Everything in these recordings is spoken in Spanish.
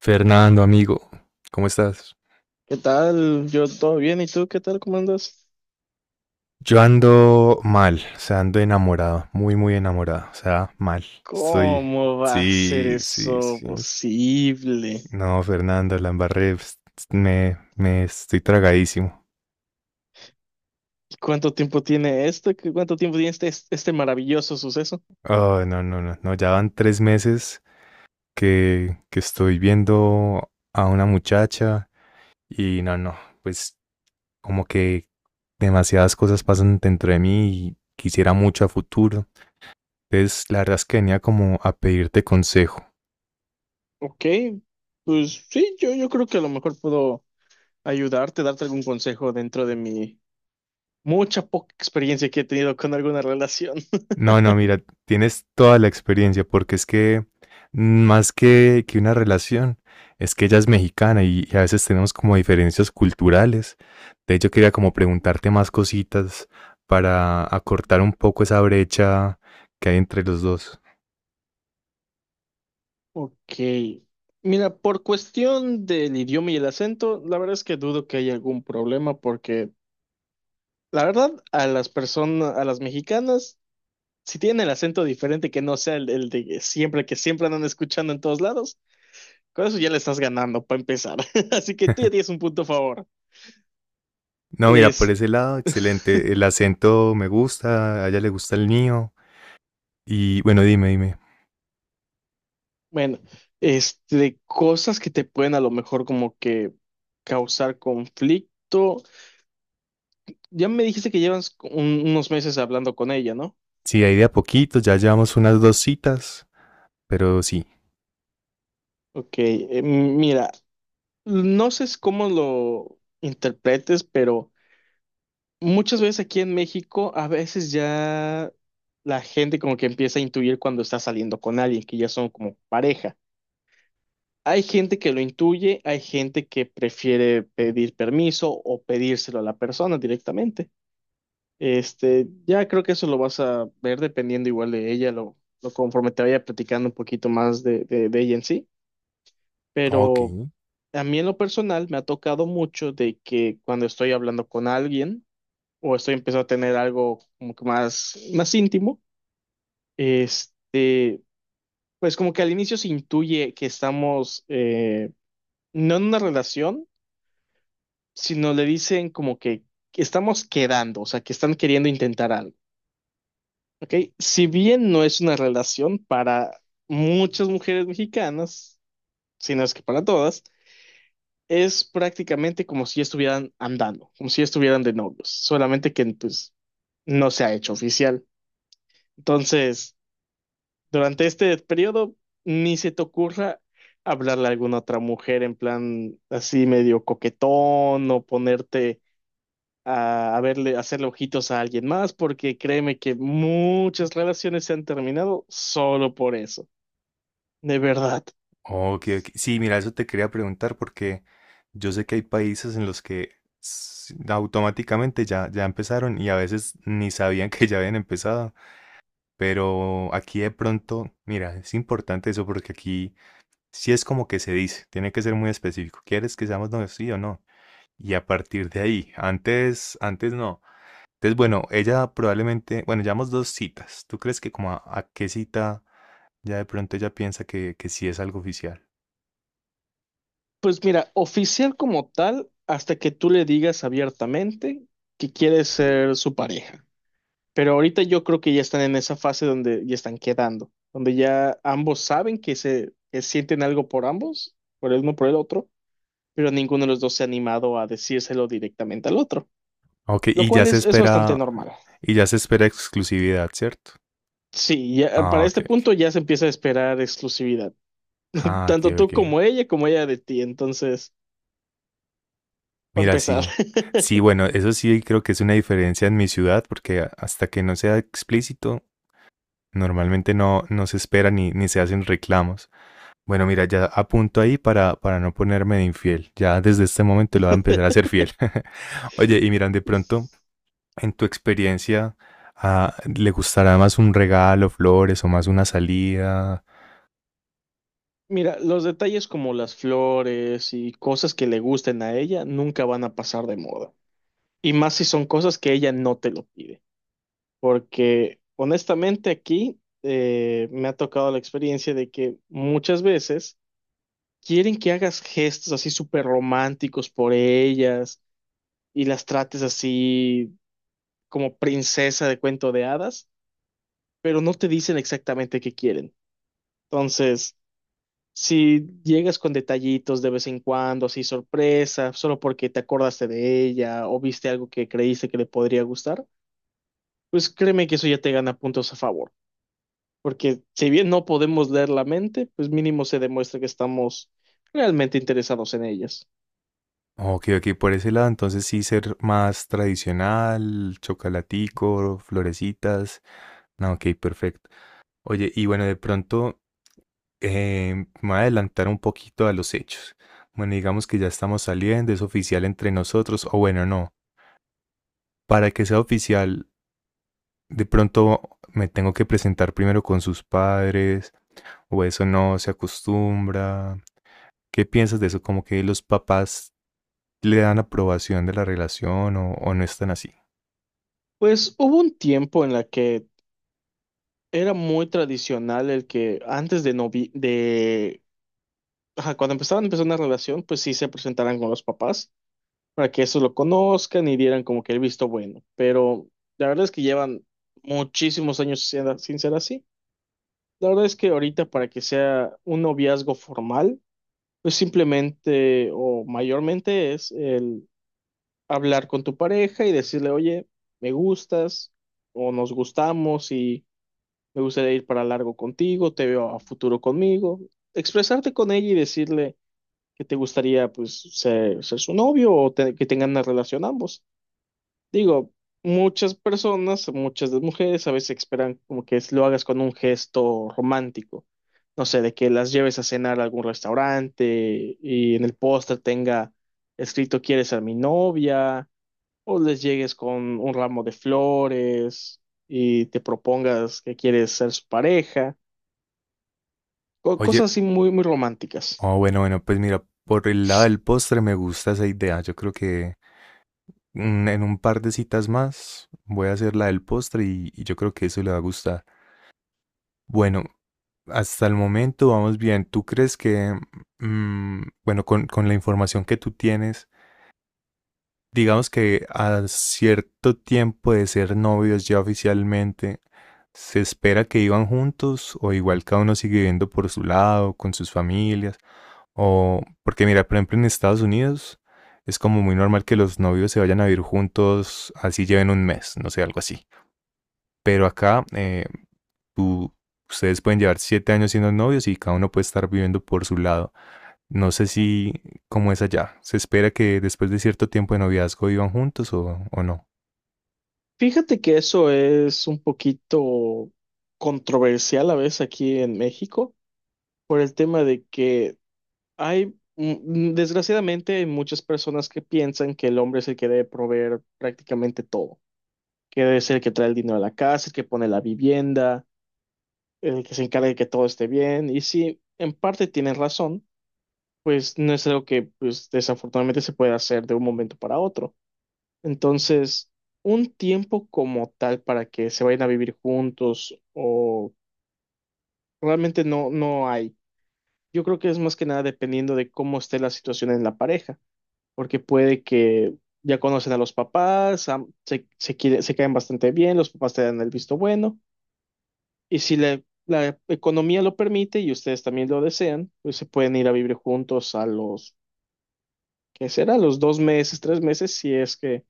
Fernando, amigo, ¿cómo estás? ¿Qué tal? Yo todo bien, ¿y tú qué tal? ¿Cómo andas? Yo ando mal, o sea, ando enamorado, muy, muy enamorado, o sea, mal. Estoy, ¿Cómo va a ser sí, sí, eso sí. posible? No, Fernando, la embarré, pues, me estoy tragadísimo. ¿Cuánto tiempo tiene esto? ¿Qué- ¿Cuánto tiempo tiene este maravilloso suceso? Oh, no, no, no, no, ya van 3 meses que estoy viendo a una muchacha y no, no, pues como que demasiadas cosas pasan dentro de mí y quisiera mucho a futuro. Entonces, la verdad es que venía como a pedirte consejo. Ok, pues sí, yo creo que a lo mejor puedo ayudarte, darte algún consejo dentro de mi mucha poca experiencia que he tenido con alguna relación. No, no, mira, tienes toda la experiencia, porque es que más que una relación, es que ella es mexicana y a veces tenemos como diferencias culturales. De hecho, quería como preguntarte más cositas para acortar un poco esa brecha que hay entre los dos. Ok, mira, por cuestión del idioma y el acento, la verdad es que dudo que haya algún problema porque la verdad, a las personas, a las mexicanas si tienen el acento diferente que no sea el de siempre, que siempre andan escuchando en todos lados, con eso ya le estás ganando para empezar. Así que tú ya tienes un punto a favor. No, mira, por Es, ese lado, excelente. El acento me gusta, a ella le gusta el mío. Y bueno, dime, dime. bueno, este, cosas que te pueden a lo mejor como que causar conflicto. Ya me dijiste que llevas un- unos meses hablando con ella, ¿no? Sí, ahí de a poquito, ya llevamos unas dos citas, pero sí. Ok, mira, no sé cómo lo interpretes, pero muchas veces aquí en México, a veces ya la gente como que empieza a intuir cuando está saliendo con alguien, que ya son como pareja. Hay gente que lo intuye, hay gente que prefiere pedir permiso o pedírselo a la persona directamente. Este, ya creo que eso lo vas a ver dependiendo igual de ella, lo conforme te vaya platicando un poquito más de ella en sí. Ok. Pero a mí en lo personal me ha tocado mucho de que cuando estoy hablando con alguien, o estoy empezando a tener algo como que más, más íntimo, este, pues como que al inicio se intuye que estamos no en una relación, sino le dicen como que estamos quedando, o sea, que están queriendo intentar algo, ¿ok? Si bien no es una relación para muchas mujeres mexicanas, sino es que para todas, es prácticamente como si estuvieran andando, como si estuvieran de novios, solamente que pues no se ha hecho oficial. Entonces, durante este periodo, ni se te ocurra hablarle a alguna otra mujer en plan así medio coquetón o ponerte a verle, a hacerle ojitos a alguien más, porque créeme que muchas relaciones se han terminado solo por eso, de verdad. Ok, ok. Sí, mira, eso te quería preguntar porque yo sé que hay países en los que automáticamente ya empezaron y a veces ni sabían que ya habían empezado. Pero aquí de pronto, mira, es importante eso porque aquí sí es como que se dice, tiene que ser muy específico. ¿Quieres que seamos novios, sí o no? Y a partir de ahí, antes, antes no. Entonces, bueno, ella probablemente, bueno, llevamos dos citas. ¿Tú crees que como a qué cita ya de pronto ella piensa que sí es algo oficial? Pues mira, oficial como tal, hasta que tú le digas abiertamente que quieres ser su pareja. Pero ahorita yo creo que ya están en esa fase donde ya están quedando, donde ya ambos saben que se que sienten algo por ambos, por el uno por el otro, pero ninguno de los dos se ha animado a decírselo directamente al otro, Ok, lo y ya cual se es bastante espera, normal. y ya se espera exclusividad, ¿cierto? Sí, ya, Ah, para ok, este ok. punto ya se empieza a esperar exclusividad, Ah, ok, tanto tú ok. Como ella de ti, entonces, para Mira, empezar. sí. Sí, bueno, eso sí creo que es una diferencia en mi ciudad, porque hasta que no sea explícito, normalmente no se espera ni se hacen reclamos. Bueno, mira, ya apunto ahí para no ponerme de infiel. Ya desde este momento lo voy a empezar a ser fiel. Oye, y miran, de pronto, en tu experiencia, ah, ¿le gustará más un regalo, flores o más una salida? Mira, los detalles como las flores y cosas que le gusten a ella nunca van a pasar de moda. Y más si son cosas que ella no te lo pide. Porque honestamente aquí me ha tocado la experiencia de que muchas veces quieren que hagas gestos así súper románticos por ellas y las trates así como princesa de cuento de hadas, pero no te dicen exactamente qué quieren. Entonces, si llegas con detallitos de vez en cuando, así sorpresa, solo porque te acordaste de ella o viste algo que creíste que le podría gustar, pues créeme que eso ya te gana puntos a favor, porque si bien no podemos leer la mente, pues mínimo se demuestra que estamos realmente interesados en ellas. Ok, ok, por ese lado, entonces sí ser más tradicional, chocolatico, florecitas. No, ok, perfecto. Oye, y bueno, de pronto eh, me voy a adelantar un poquito a los hechos. Bueno, digamos que ya estamos saliendo, es oficial entre nosotros, o bueno, no. Para que sea oficial, de pronto me tengo que presentar primero con sus padres, o eso no se acostumbra. ¿Qué piensas de eso? Como que los papás le dan aprobación de la relación o no están así. Pues hubo un tiempo en la que era muy tradicional el que antes de novi de ajá, cuando empezaban a empezar una relación, pues sí se presentaran con los papás para que eso lo conozcan y dieran como que el visto bueno, pero la verdad es que llevan muchísimos años sin ser así. La verdad es que ahorita para que sea un noviazgo formal, pues simplemente o mayormente es el hablar con tu pareja y decirle, oye, me gustas o nos gustamos y me gustaría ir para largo contigo, te veo a futuro conmigo. Expresarte con ella y decirle que te gustaría pues ser, ser su novio o te- que tengan una relación ambos. Digo, muchas personas, muchas de mujeres, a veces esperan como que lo hagas con un gesto romántico. No sé, de que las lleves a cenar a algún restaurante y en el póster tenga escrito ¿quieres ser mi novia? O les llegues con un ramo de flores y te propongas que quieres ser su pareja. Co- Oye. cosas así muy, muy románticas. Oh, bueno, bueno, pues mira, por el lado del postre me gusta esa idea. Yo creo que en un par de citas más voy a hacer la del postre y yo creo que eso le va a gustar. Bueno, hasta el momento vamos bien. ¿Tú crees que bueno, con, la información que tú tienes, digamos que a cierto tiempo de ser novios ya oficialmente, se espera que iban juntos o igual cada uno sigue viviendo por su lado, con sus familias? O, porque mira, por ejemplo, en Estados Unidos es como muy normal que los novios se vayan a vivir juntos, así lleven un mes, no sé, algo así. Pero acá tú- ustedes pueden llevar 7 años siendo novios y cada uno puede estar viviendo por su lado. No sé si cómo es allá. ¿Se espera que después de cierto tiempo de noviazgo vivan juntos o no? Fíjate que eso es un poquito controversial a veces aquí en México por el tema de que hay, desgraciadamente, hay muchas personas que piensan que el hombre es el que debe proveer prácticamente todo, que debe ser el que trae el dinero a la casa, el que pone la vivienda, el que se encarga de que todo esté bien. Y sí, en parte tienen razón, pues no es algo que pues, desafortunadamente se puede hacer de un momento para otro. Entonces, un tiempo como tal para que se vayan a vivir juntos o realmente no, no hay. Yo creo que es más que nada dependiendo de cómo esté la situación en la pareja. Porque puede que ya conocen a los papás, am- se, quiere- se caen bastante bien, los papás te dan el visto bueno, y si la economía lo permite y ustedes también lo desean, pues se pueden ir a vivir juntos a los, ¿qué será? Los dos meses, tres meses, si es que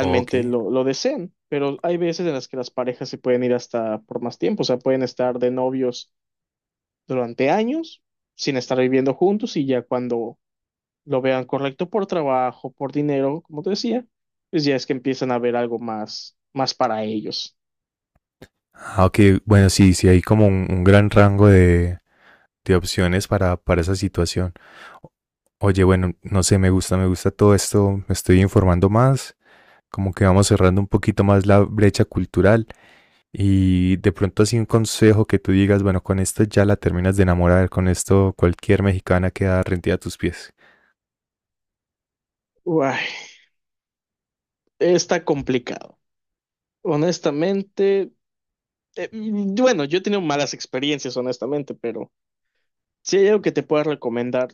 Ok. Lo desean. Pero hay veces en las que las parejas se pueden ir hasta por más tiempo, o sea, pueden estar de novios durante años sin estar viviendo juntos y ya cuando lo vean correcto por trabajo, por dinero, como te decía, pues ya es que empiezan a ver algo más, más para ellos. Ah, ok, bueno, sí, sí hay como un gran rango de opciones para esa situación. Oye, bueno, no sé, me gusta todo esto, me estoy informando más, como que vamos cerrando un poquito más la brecha cultural y de pronto así un consejo que tú digas, bueno, con esto ya la terminas de enamorar, con esto cualquier mexicana queda rendida a tus pies. Uay, está complicado. Honestamente, bueno, yo he tenido malas experiencias, honestamente, pero si hay algo que te pueda recomendar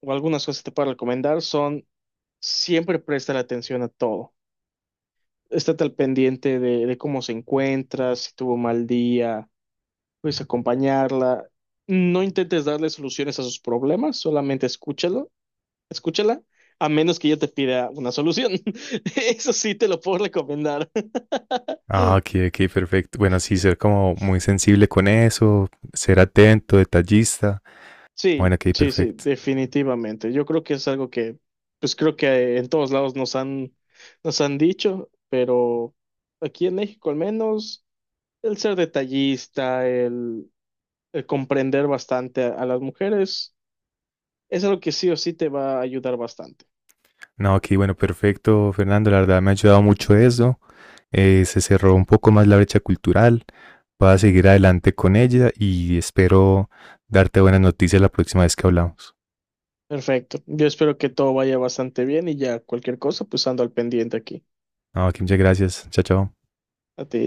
o algunas cosas que te pueda recomendar son siempre prestar atención a todo. Estate al pendiente de cómo se encuentra, si tuvo un mal día, pues acompañarla. No intentes darle soluciones a sus problemas, solamente escúchalo escúchala, a menos que yo te pida una solución. Eso sí te lo puedo recomendar. Ah, ok, ok, perfecto. Bueno, sí, ser como muy sensible con eso, ser atento, detallista. Bueno, Sí, ok, sí, sí, perfecto. definitivamente. Yo creo que es algo que, pues creo que en todos lados nos han dicho, pero aquí en México al menos, el ser detallista, el comprender bastante a las mujeres, es algo que sí o sí te va a ayudar bastante. No, ok, bueno, perfecto, Fernando, la verdad me ha ayudado mucho eso. Se cerró un poco más la brecha cultural. Voy a seguir adelante con ella y espero darte buenas noticias la próxima vez que hablamos. Perfecto. Yo espero que todo vaya bastante bien y ya cualquier cosa, pues ando al pendiente aquí. No, aquí muchas gracias. Chao, chao. A ti.